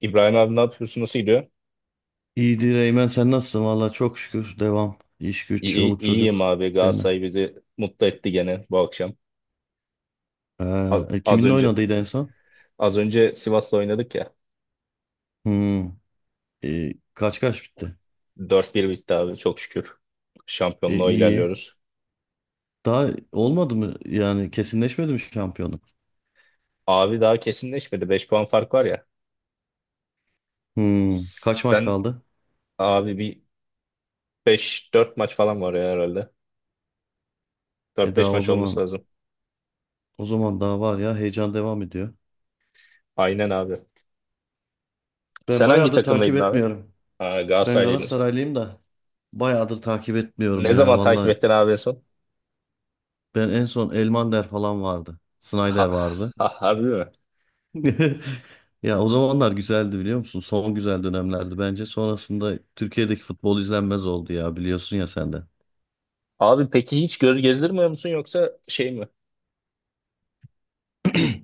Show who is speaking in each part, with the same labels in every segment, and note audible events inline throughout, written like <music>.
Speaker 1: İbrahim abi, ne yapıyorsun? Nasıl gidiyor?
Speaker 2: İyidir Eymen sen nasılsın? Valla çok şükür devam. İş güç,
Speaker 1: İyi, iyi-
Speaker 2: çoluk
Speaker 1: iyiyim
Speaker 2: çocuk.
Speaker 1: abi.
Speaker 2: Seninle.
Speaker 1: Galatasaray bizi mutlu etti gene bu akşam. A-
Speaker 2: Ha,
Speaker 1: Az
Speaker 2: kiminle
Speaker 1: önce
Speaker 2: oynadıydı en son?
Speaker 1: az önce Sivas'la oynadık ya.
Speaker 2: Hmm, kaç kaç bitti?
Speaker 1: 4-1 bitti abi, çok şükür.
Speaker 2: E,
Speaker 1: Şampiyonluğa
Speaker 2: iyi.
Speaker 1: ilerliyoruz.
Speaker 2: Daha olmadı mı? Yani kesinleşmedi mi şampiyonluk?
Speaker 1: Abi, daha kesinleşmedi. 5 puan fark var ya.
Speaker 2: Hmm, kaç maç
Speaker 1: Sen,
Speaker 2: kaldı?
Speaker 1: abi, bir beş dört maç falan var ya herhalde.
Speaker 2: E,
Speaker 1: Dört
Speaker 2: daha
Speaker 1: beş
Speaker 2: o
Speaker 1: maç olması
Speaker 2: zaman
Speaker 1: lazım.
Speaker 2: o zaman daha var ya, heyecan devam ediyor.
Speaker 1: Aynen abi.
Speaker 2: Ben
Speaker 1: Sen hangi
Speaker 2: bayağıdır takip
Speaker 1: takımdaydın abi?
Speaker 2: etmiyorum.
Speaker 1: Aa,
Speaker 2: Ben
Speaker 1: Galatasaraylıydın sen.
Speaker 2: Galatasaraylıyım da bayağıdır takip etmiyorum
Speaker 1: Ne
Speaker 2: ya.
Speaker 1: zaman takip
Speaker 2: Valla,
Speaker 1: ettin abi en son?
Speaker 2: ben en son Elmander falan vardı.
Speaker 1: Ha,
Speaker 2: Snyder vardı.
Speaker 1: ha, harbi mi?
Speaker 2: <laughs> Ya, o zamanlar güzeldi biliyor musun? Son güzel dönemlerdi bence. Sonrasında Türkiye'deki futbol izlenmez oldu ya, biliyorsun ya sen de.
Speaker 1: Abi peki hiç göz gezdirmiyor musun, yoksa şey mi?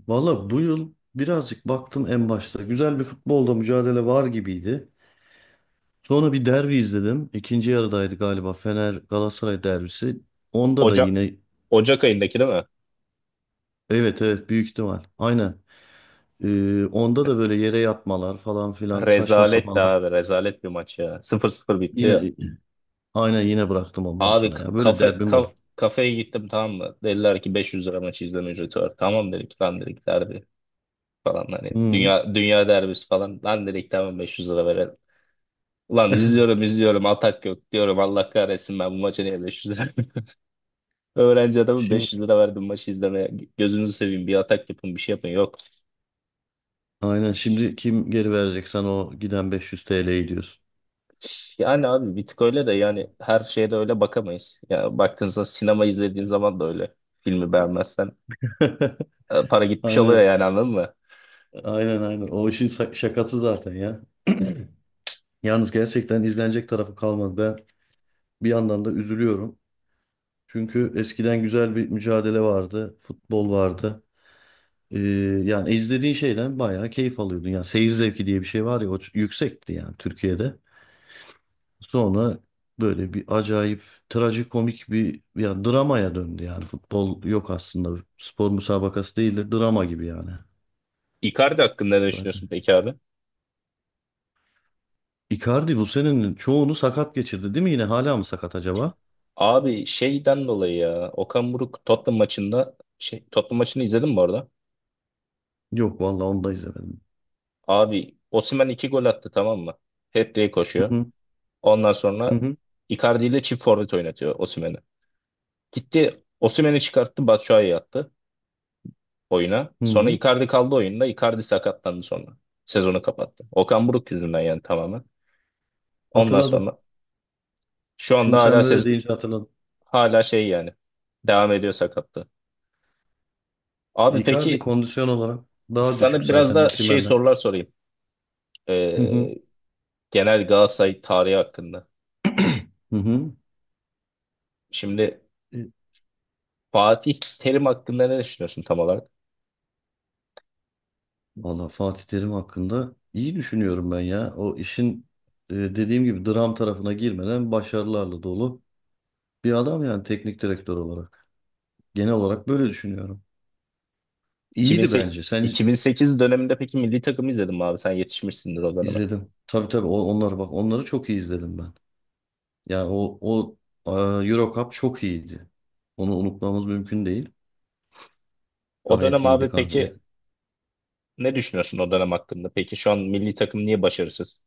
Speaker 2: Valla bu yıl birazcık baktım en başta. Güzel bir futbolda mücadele var gibiydi. Sonra bir derbi izledim. İkinci yarıdaydı galiba, Fener Galatasaray derbisi. Onda da
Speaker 1: Ocak
Speaker 2: yine
Speaker 1: Ocak ayındaki değil mi?
Speaker 2: evet evet, büyük ihtimal. Aynen. Onda da böyle yere yatmalar falan filan, saçma
Speaker 1: Rezalet de
Speaker 2: sapan.
Speaker 1: abi, rezalet bir maç ya. 0-0 bitti ya.
Speaker 2: Yine aynen, yine bıraktım ondan
Speaker 1: Abi,
Speaker 2: sonra
Speaker 1: k-
Speaker 2: ya. Böyle
Speaker 1: kafe
Speaker 2: derbim
Speaker 1: ka-
Speaker 2: olur.
Speaker 1: kafeye gittim, tamam mı? Dediler ki 500 lira maçı izleme ücreti var. Tamam dedik, lan dedik derbi falan, hani
Speaker 2: Hı.
Speaker 1: dünya dünya derbisi falan, lan dedik tamam 500 lira verelim. Lan, izliyorum izliyorum atak yok diyorum, Allah kahretsin, ben bu maça niye 500 lira. <laughs> Öğrenci adamın,
Speaker 2: Şimdi
Speaker 1: 500 lira verdim maçı izlemeye, gözünüzü seveyim, bir atak yapın, bir şey yapın, yok.
Speaker 2: Aynen, şimdi kim geri verecek sana o giden 500 TL'yi diyorsun.
Speaker 1: Yani abi bir tık öyle de, yani her şeye de öyle bakamayız. Ya baktığınızda sinema izlediğin zaman da öyle. Filmi beğenmezsen
Speaker 2: <laughs>
Speaker 1: para gitmiş oluyor
Speaker 2: Aynen.
Speaker 1: yani, anladın mı?
Speaker 2: Aynen, aynen. O işin şakası zaten ya. Yalnız gerçekten izlenecek tarafı kalmadı. Ben bir yandan da üzülüyorum. Çünkü eskiden güzel bir mücadele vardı. Futbol vardı. Ee, Yani izlediğin şeyden bayağı keyif alıyordun. Yani seyir zevki diye bir şey var ya, o yüksekti yani Türkiye'de. Sonra böyle bir acayip, trajikomik bir ya dramaya döndü yani. Futbol yok aslında. Spor müsabakası değil de drama gibi yani.
Speaker 1: Icardi hakkında ne düşünüyorsun
Speaker 2: Zaten.
Speaker 1: peki abi?
Speaker 2: Icardi bu senenin çoğunu sakat geçirdi değil mi? Yine hala mı sakat acaba?
Speaker 1: Abi, şeyden dolayı ya, Okan Buruk Tottenham maçında, şey, Tottenham maçını izledin mi orada?
Speaker 2: Yok vallahi, onu da izlemedim.
Speaker 1: Abi, Osimhen 2 gol attı, tamam mı? Hat-trick
Speaker 2: Hı
Speaker 1: koşuyor.
Speaker 2: hı,
Speaker 1: Ondan
Speaker 2: hı
Speaker 1: sonra
Speaker 2: hı,
Speaker 1: Icardi ile çift forvet oynatıyor Osimhen'i. Gitti Osimhen'i çıkarttı, Batshuayi'yi attı oyuna.
Speaker 2: hı
Speaker 1: Sonra
Speaker 2: hı.
Speaker 1: Icardi kaldı oyunda. Icardi sakatlandı sonra. Sezonu kapattı. Okan Buruk yüzünden yani, tamamen. Ondan
Speaker 2: Hatırladım.
Speaker 1: sonra şu anda
Speaker 2: Şimdi sen böyle deyince hatırladım.
Speaker 1: hala şey yani devam ediyor sakatlığı. Abi
Speaker 2: Icardi
Speaker 1: peki
Speaker 2: kondisyon olarak daha düşük
Speaker 1: sana biraz
Speaker 2: zaten
Speaker 1: da şey
Speaker 2: Osimhen'den.
Speaker 1: sorular sorayım.
Speaker 2: Hı
Speaker 1: Ee,
Speaker 2: hı,
Speaker 1: genel Galatasaray tarihi hakkında.
Speaker 2: hı hı.
Speaker 1: Şimdi Fatih Terim hakkında ne düşünüyorsun tam olarak?
Speaker 2: Valla Fatih Terim hakkında iyi düşünüyorum ben ya. O işin, dediğim gibi, dram tarafına girmeden başarılarla dolu bir adam yani, teknik direktör olarak. Genel olarak böyle düşünüyorum. İyiydi
Speaker 1: 2008,
Speaker 2: bence. Sen
Speaker 1: 2008 döneminde peki milli takımı izledin mi abi? Sen yetişmişsindir o döneme.
Speaker 2: izledim. Tabii, tabii, onları, bak, onları çok iyi izledim ben. Yani o Euro Cup çok iyiydi. Onu unutmamız mümkün değil.
Speaker 1: O
Speaker 2: Gayet
Speaker 1: dönem abi
Speaker 2: iyiydi kanka. Ya,
Speaker 1: peki ne düşünüyorsun o dönem hakkında? Peki şu an milli takım niye başarısız?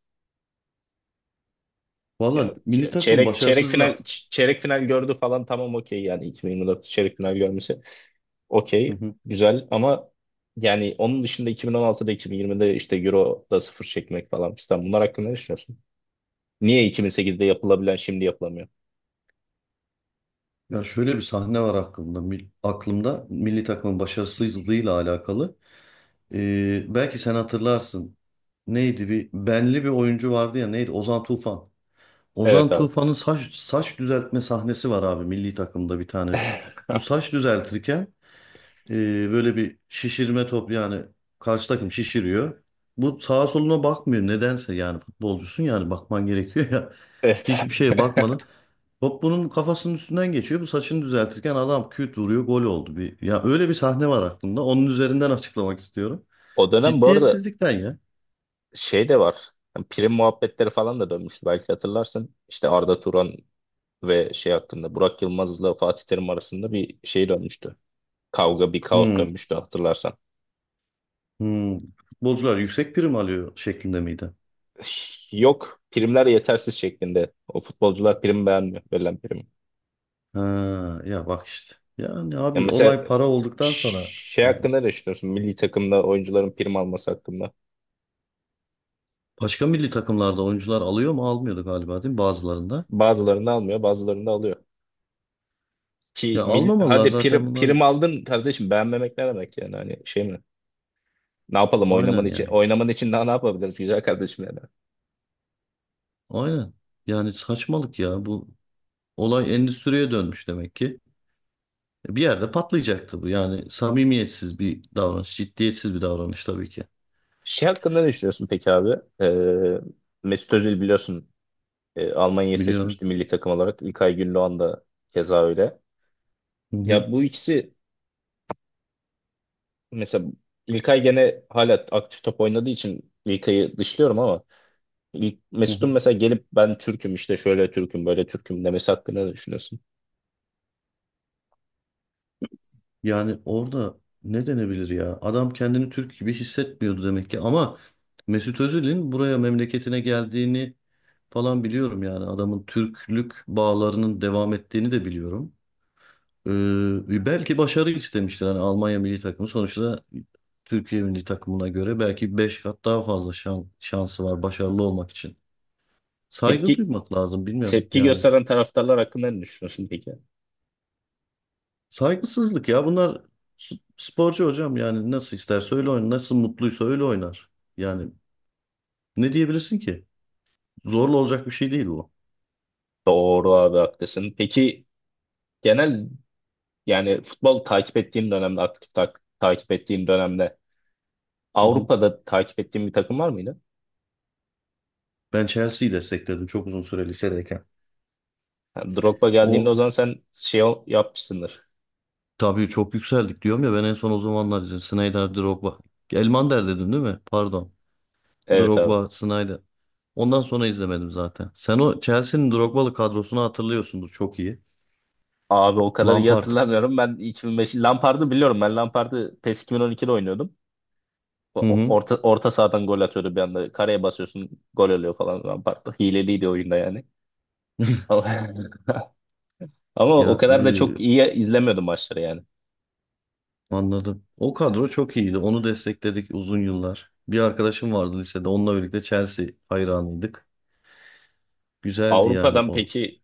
Speaker 1: Ya,
Speaker 2: valla milli
Speaker 1: ç-
Speaker 2: takım
Speaker 1: çeyrek çeyrek final
Speaker 2: başarısızla.
Speaker 1: ç- çeyrek final gördü falan, tamam okey, yani 2024 çeyrek final görmesi okey,
Speaker 2: Hı hı.
Speaker 1: güzel, ama yani onun dışında 2016'da, 2020'de, işte Euro'da sıfır çekmek falan fistan, bunlar hakkında ne düşünüyorsun? Niye 2008'de yapılabilen şimdi yapılamıyor?
Speaker 2: Ya şöyle bir sahne var aklımda. Aklımda milli takımın başarısızlığıyla alakalı. Belki sen hatırlarsın. Neydi, bir benli bir oyuncu vardı ya, neydi? Ozan Tufan.
Speaker 1: Evet
Speaker 2: Ozan
Speaker 1: abi.
Speaker 2: Tufan'ın saç düzeltme sahnesi var abi, milli takımda bir tane. Bu
Speaker 1: <laughs>
Speaker 2: saç düzeltirken e, böyle bir şişirme top yani, karşı takım şişiriyor. Bu sağa soluna bakmıyor nedense, yani futbolcusun yani, bakman gerekiyor ya. <laughs>
Speaker 1: Evet
Speaker 2: Hiçbir
Speaker 1: abi.
Speaker 2: şeye bakmadan top bunun kafasının üstünden geçiyor. Bu saçını düzeltirken adam küt vuruyor, gol oldu bir. Ya öyle bir sahne var aklımda. Onun üzerinden açıklamak istiyorum.
Speaker 1: <laughs> O dönem bu arada
Speaker 2: Ciddiyetsizlikten ya.
Speaker 1: şey de var. Yani prim muhabbetleri falan da dönmüştü, belki hatırlarsın. İşte Arda Turan ve şey hakkında, Burak Yılmaz'la Fatih Terim arasında bir şey dönmüştü. Kavga, bir kaos
Speaker 2: Hmm,
Speaker 1: dönmüştü, hatırlarsan.
Speaker 2: hmm. Futbolcular yüksek prim alıyor şeklinde miydi?
Speaker 1: Yok, primler yetersiz şeklinde. O futbolcular prim beğenmiyor. Verilen prim.
Speaker 2: Ha, ya bak işte. Yani
Speaker 1: Ya
Speaker 2: abi,
Speaker 1: mesela
Speaker 2: olay para olduktan sonra
Speaker 1: ş- şey
Speaker 2: yani,
Speaker 1: hakkında ne düşünüyorsun? Milli takımda oyuncuların prim alması hakkında.
Speaker 2: başka milli takımlarda oyuncular alıyor mu, almıyordu galiba değil mi bazılarında?
Speaker 1: Bazılarını almıyor, bazılarını da alıyor. Ki
Speaker 2: Ya
Speaker 1: mil,
Speaker 2: almamalılar
Speaker 1: hadi
Speaker 2: zaten
Speaker 1: prim,
Speaker 2: bunlar.
Speaker 1: prim aldın kardeşim, beğenmemek ne demek, yani hani şey mi? Ne yapalım, oynaman
Speaker 2: Aynen
Speaker 1: için
Speaker 2: yani.
Speaker 1: oynaman için daha ne yapabiliriz güzel kardeşim yani.
Speaker 2: Aynen. Yani saçmalık ya, bu olay endüstriye dönmüş demek ki. Bir yerde patlayacaktı bu. Yani samimiyetsiz bir davranış, ciddiyetsiz bir davranış tabii ki.
Speaker 1: Şey hakkında ne düşünüyorsun peki abi? Ee, Mesut Özil biliyorsun, Almanya'yı
Speaker 2: Biliyorum.
Speaker 1: seçmişti milli takım olarak. İlkay Gündoğan da keza öyle.
Speaker 2: Hı hı,
Speaker 1: Ya bu ikisi mesela, İlkay gene hala aktif top oynadığı için İlkay'ı dışlıyorum ama İl-
Speaker 2: hı
Speaker 1: Mesut'un
Speaker 2: hı.
Speaker 1: mesela gelip, ben Türk'üm işte, şöyle Türk'üm, böyle Türk'üm demesi hakkında ne düşünüyorsun?
Speaker 2: Yani orada ne denebilir ya? Adam kendini Türk gibi hissetmiyordu demek ki. Ama Mesut Özil'in buraya, memleketine geldiğini falan biliyorum yani. Adamın Türklük bağlarının devam ettiğini de biliyorum. Belki başarı istemiştir. Hani Almanya milli takımı sonuçta Türkiye milli takımına göre belki 5 kat daha fazla şansı var başarılı olmak için. Saygı
Speaker 1: Tepki
Speaker 2: duymak lazım, bilmiyorum
Speaker 1: tepki
Speaker 2: yani.
Speaker 1: gösteren taraftarlar hakkında ne düşünüyorsun peki?
Speaker 2: Saygısızlık ya bunlar, sporcu hocam, yani nasıl isterse öyle oynar, nasıl mutluysa öyle oynar. Yani ne diyebilirsin ki? Zorla olacak bir şey değil bu.
Speaker 1: Doğru abi, haklısın. Peki genel, yani futbol takip ettiğin dönemde, aktif takip ettiğin dönemde,
Speaker 2: Hı hı.
Speaker 1: Avrupa'da takip ettiğin bir takım var mıydı?
Speaker 2: Ben Chelsea'yi destekledim çok uzun süre lisedeyken.
Speaker 1: Yani Drogba geldiğinde o
Speaker 2: O,
Speaker 1: zaman sen şey yapmışsındır.
Speaker 2: tabii çok yükseldik diyorum ya, ben en son o zamanlar dedim, Snyder, Drogba. Elmander dedim değil mi? Pardon.
Speaker 1: Evet abi.
Speaker 2: Drogba, Snyder. Ondan sonra izlemedim zaten. Sen o Chelsea'nin Drogba'lı kadrosunu hatırlıyorsundur çok iyi.
Speaker 1: Abi, o kadar iyi
Speaker 2: Lampard.
Speaker 1: hatırlamıyorum. Ben 2005 Lampard'ı biliyorum. Ben Lampard'ı PES 2012'de oynuyordum.
Speaker 2: Hı
Speaker 1: O-
Speaker 2: hı.
Speaker 1: Orta, orta sahadan gol atıyordu bir anda. Kareye basıyorsun gol oluyor falan Lampard'da. Hileliydi oyunda yani.
Speaker 2: <laughs>
Speaker 1: Ama, <laughs> ama o
Speaker 2: Ya,
Speaker 1: kadar da çok iyi izlemiyordum maçları yani.
Speaker 2: anladım. O kadro çok iyiydi. Onu destekledik uzun yıllar. Bir arkadaşım vardı lisede. Onunla birlikte Chelsea hayranıydık. Güzeldi yani
Speaker 1: Avrupa'dan
Speaker 2: o.
Speaker 1: peki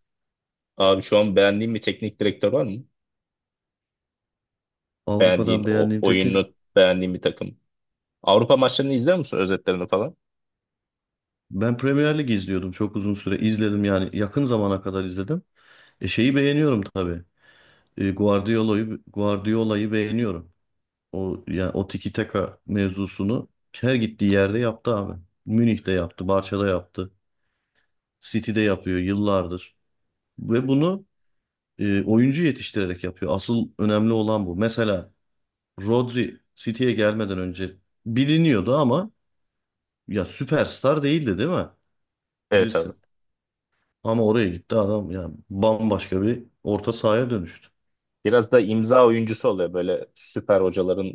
Speaker 1: abi, şu an beğendiğin bir teknik direktör var mı? Beğendiğin,
Speaker 2: Avrupa'dan
Speaker 1: o,
Speaker 2: beğendiğim teknik...
Speaker 1: oyunu beğendiğin bir takım. Avrupa maçlarını izliyor musun, özetlerini falan?
Speaker 2: Ben Premier Lig izliyordum çok uzun süre. İzledim yani, yakın zamana kadar izledim. E, şeyi beğeniyorum tabii. Guardiola'yı beğeniyorum. O yani, o tiki taka mevzusunu her gittiği yerde yaptı abi. Münih'te yaptı, Barça'da yaptı, City'de yapıyor yıllardır. Ve bunu oyuncu yetiştirerek yapıyor. Asıl önemli olan bu. Mesela Rodri City'ye gelmeden önce biliniyordu ama ya, süperstar değildi değil mi?
Speaker 1: Evet abi.
Speaker 2: Bilirsin. Ama oraya gitti adam, ya bambaşka bir orta sahaya dönüştü.
Speaker 1: Biraz da imza oyuncusu oluyor böyle süper hocaların,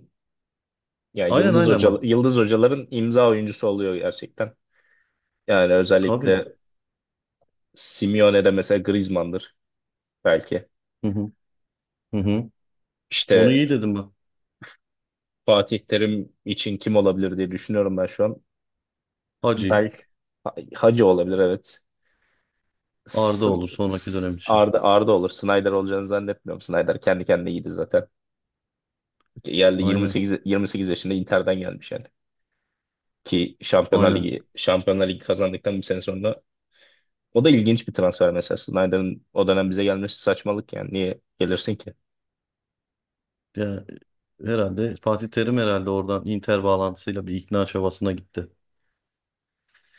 Speaker 1: yani
Speaker 2: Aynen,
Speaker 1: yıldız
Speaker 2: aynen,
Speaker 1: hoca
Speaker 2: bak.
Speaker 1: yıldız hocaların imza oyuncusu oluyor gerçekten. Yani
Speaker 2: Tabii.
Speaker 1: özellikle Simeone'de mesela Griezmann'dır belki.
Speaker 2: Hı hı. Hı hı. Onu
Speaker 1: İşte
Speaker 2: iyi dedim bak.
Speaker 1: Fatih Terim için kim olabilir diye düşünüyorum ben şu an.
Speaker 2: Hacı.
Speaker 1: Belki Hacı olabilir, evet.
Speaker 2: Arda
Speaker 1: S-
Speaker 2: olur sonraki dönem
Speaker 1: S-
Speaker 2: için.
Speaker 1: Arda Arda olur. Snyder olacağını zannetmiyorum. Snyder kendi kendine iyiydi zaten. Geldi
Speaker 2: Aynen.
Speaker 1: 28 yaşında Inter'den gelmiş yani. Ki Şampiyonlar
Speaker 2: Aynen.
Speaker 1: Ligi Şampiyonlar Ligi kazandıktan bir sene sonra. O da ilginç bir transfer mesela. Snyder'ın o dönem bize gelmesi saçmalık yani. Niye gelirsin ki?
Speaker 2: Ya, herhalde Fatih Terim herhalde oradan Inter bağlantısıyla bir ikna çabasına gitti.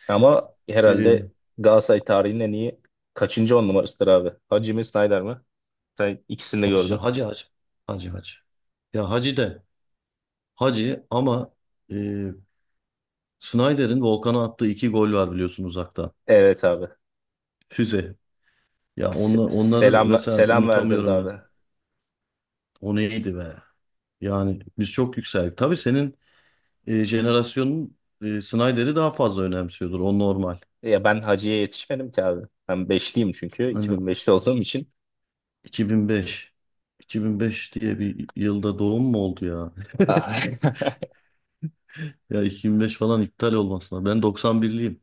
Speaker 1: Ama
Speaker 2: Ee,
Speaker 1: herhalde Galatasaray tarihinin en iyi kaçıncı 10 numarasıdır abi? Hacı mi, Snyder mi? Sen ikisini de
Speaker 2: Hacı,
Speaker 1: gördün.
Speaker 2: hacı, hacı. Hacı, hacı. Ya hacı de. Hacı ama, e, Snyder'in Volkan'a attığı iki gol var biliyorsun, uzakta.
Speaker 1: Evet abi.
Speaker 2: Füze. Ya
Speaker 1: Se-
Speaker 2: onları
Speaker 1: selam
Speaker 2: mesela
Speaker 1: selam verdirdi
Speaker 2: unutamıyorum ben.
Speaker 1: abi.
Speaker 2: O neydi be? Yani biz çok yükseldik. Tabii senin jenerasyonun Snyder'i daha fazla önemsiyordur. O normal.
Speaker 1: Ya ben Hacı'ya yetişmedim ki abi. Ben beşliyim çünkü.
Speaker 2: Hani
Speaker 1: 2005'li olduğum için.
Speaker 2: 2005. 2005 diye bir yılda doğum mu oldu ya? <laughs>
Speaker 1: <laughs>
Speaker 2: Ya 2005 falan iptal olmasına. Ben 91'liyim.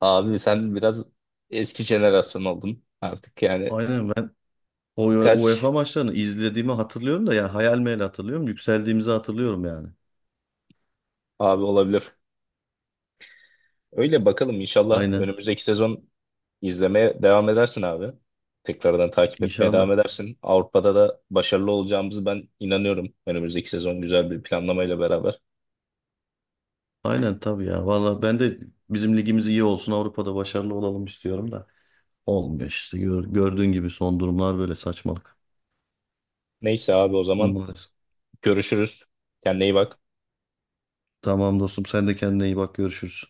Speaker 1: Abi sen biraz eski jenerasyon oldun artık yani.
Speaker 2: Aynen. O
Speaker 1: Kaç
Speaker 2: UEFA maçlarını izlediğimi hatırlıyorum da, ya hayal meyal hatırlıyorum. Yükseldiğimizi hatırlıyorum yani.
Speaker 1: abi olabilir? Öyle bakalım, inşallah
Speaker 2: Aynen.
Speaker 1: önümüzdeki sezon izlemeye devam edersin abi. Tekrardan takip etmeye devam
Speaker 2: İnşallah.
Speaker 1: edersin. Avrupa'da da başarılı olacağımızı ben inanıyorum. Önümüzdeki sezon güzel bir planlamayla beraber.
Speaker 2: Aynen, tabii ya. Vallahi ben de bizim ligimiz iyi olsun, Avrupa'da başarılı olalım istiyorum da. Olmuyor işte. Gördüğün gibi son durumlar böyle, saçmalık.
Speaker 1: Neyse abi, o zaman
Speaker 2: Maalesef.
Speaker 1: görüşürüz. Kendine iyi bak.
Speaker 2: Tamam dostum, sen de kendine iyi bak, görüşürüz.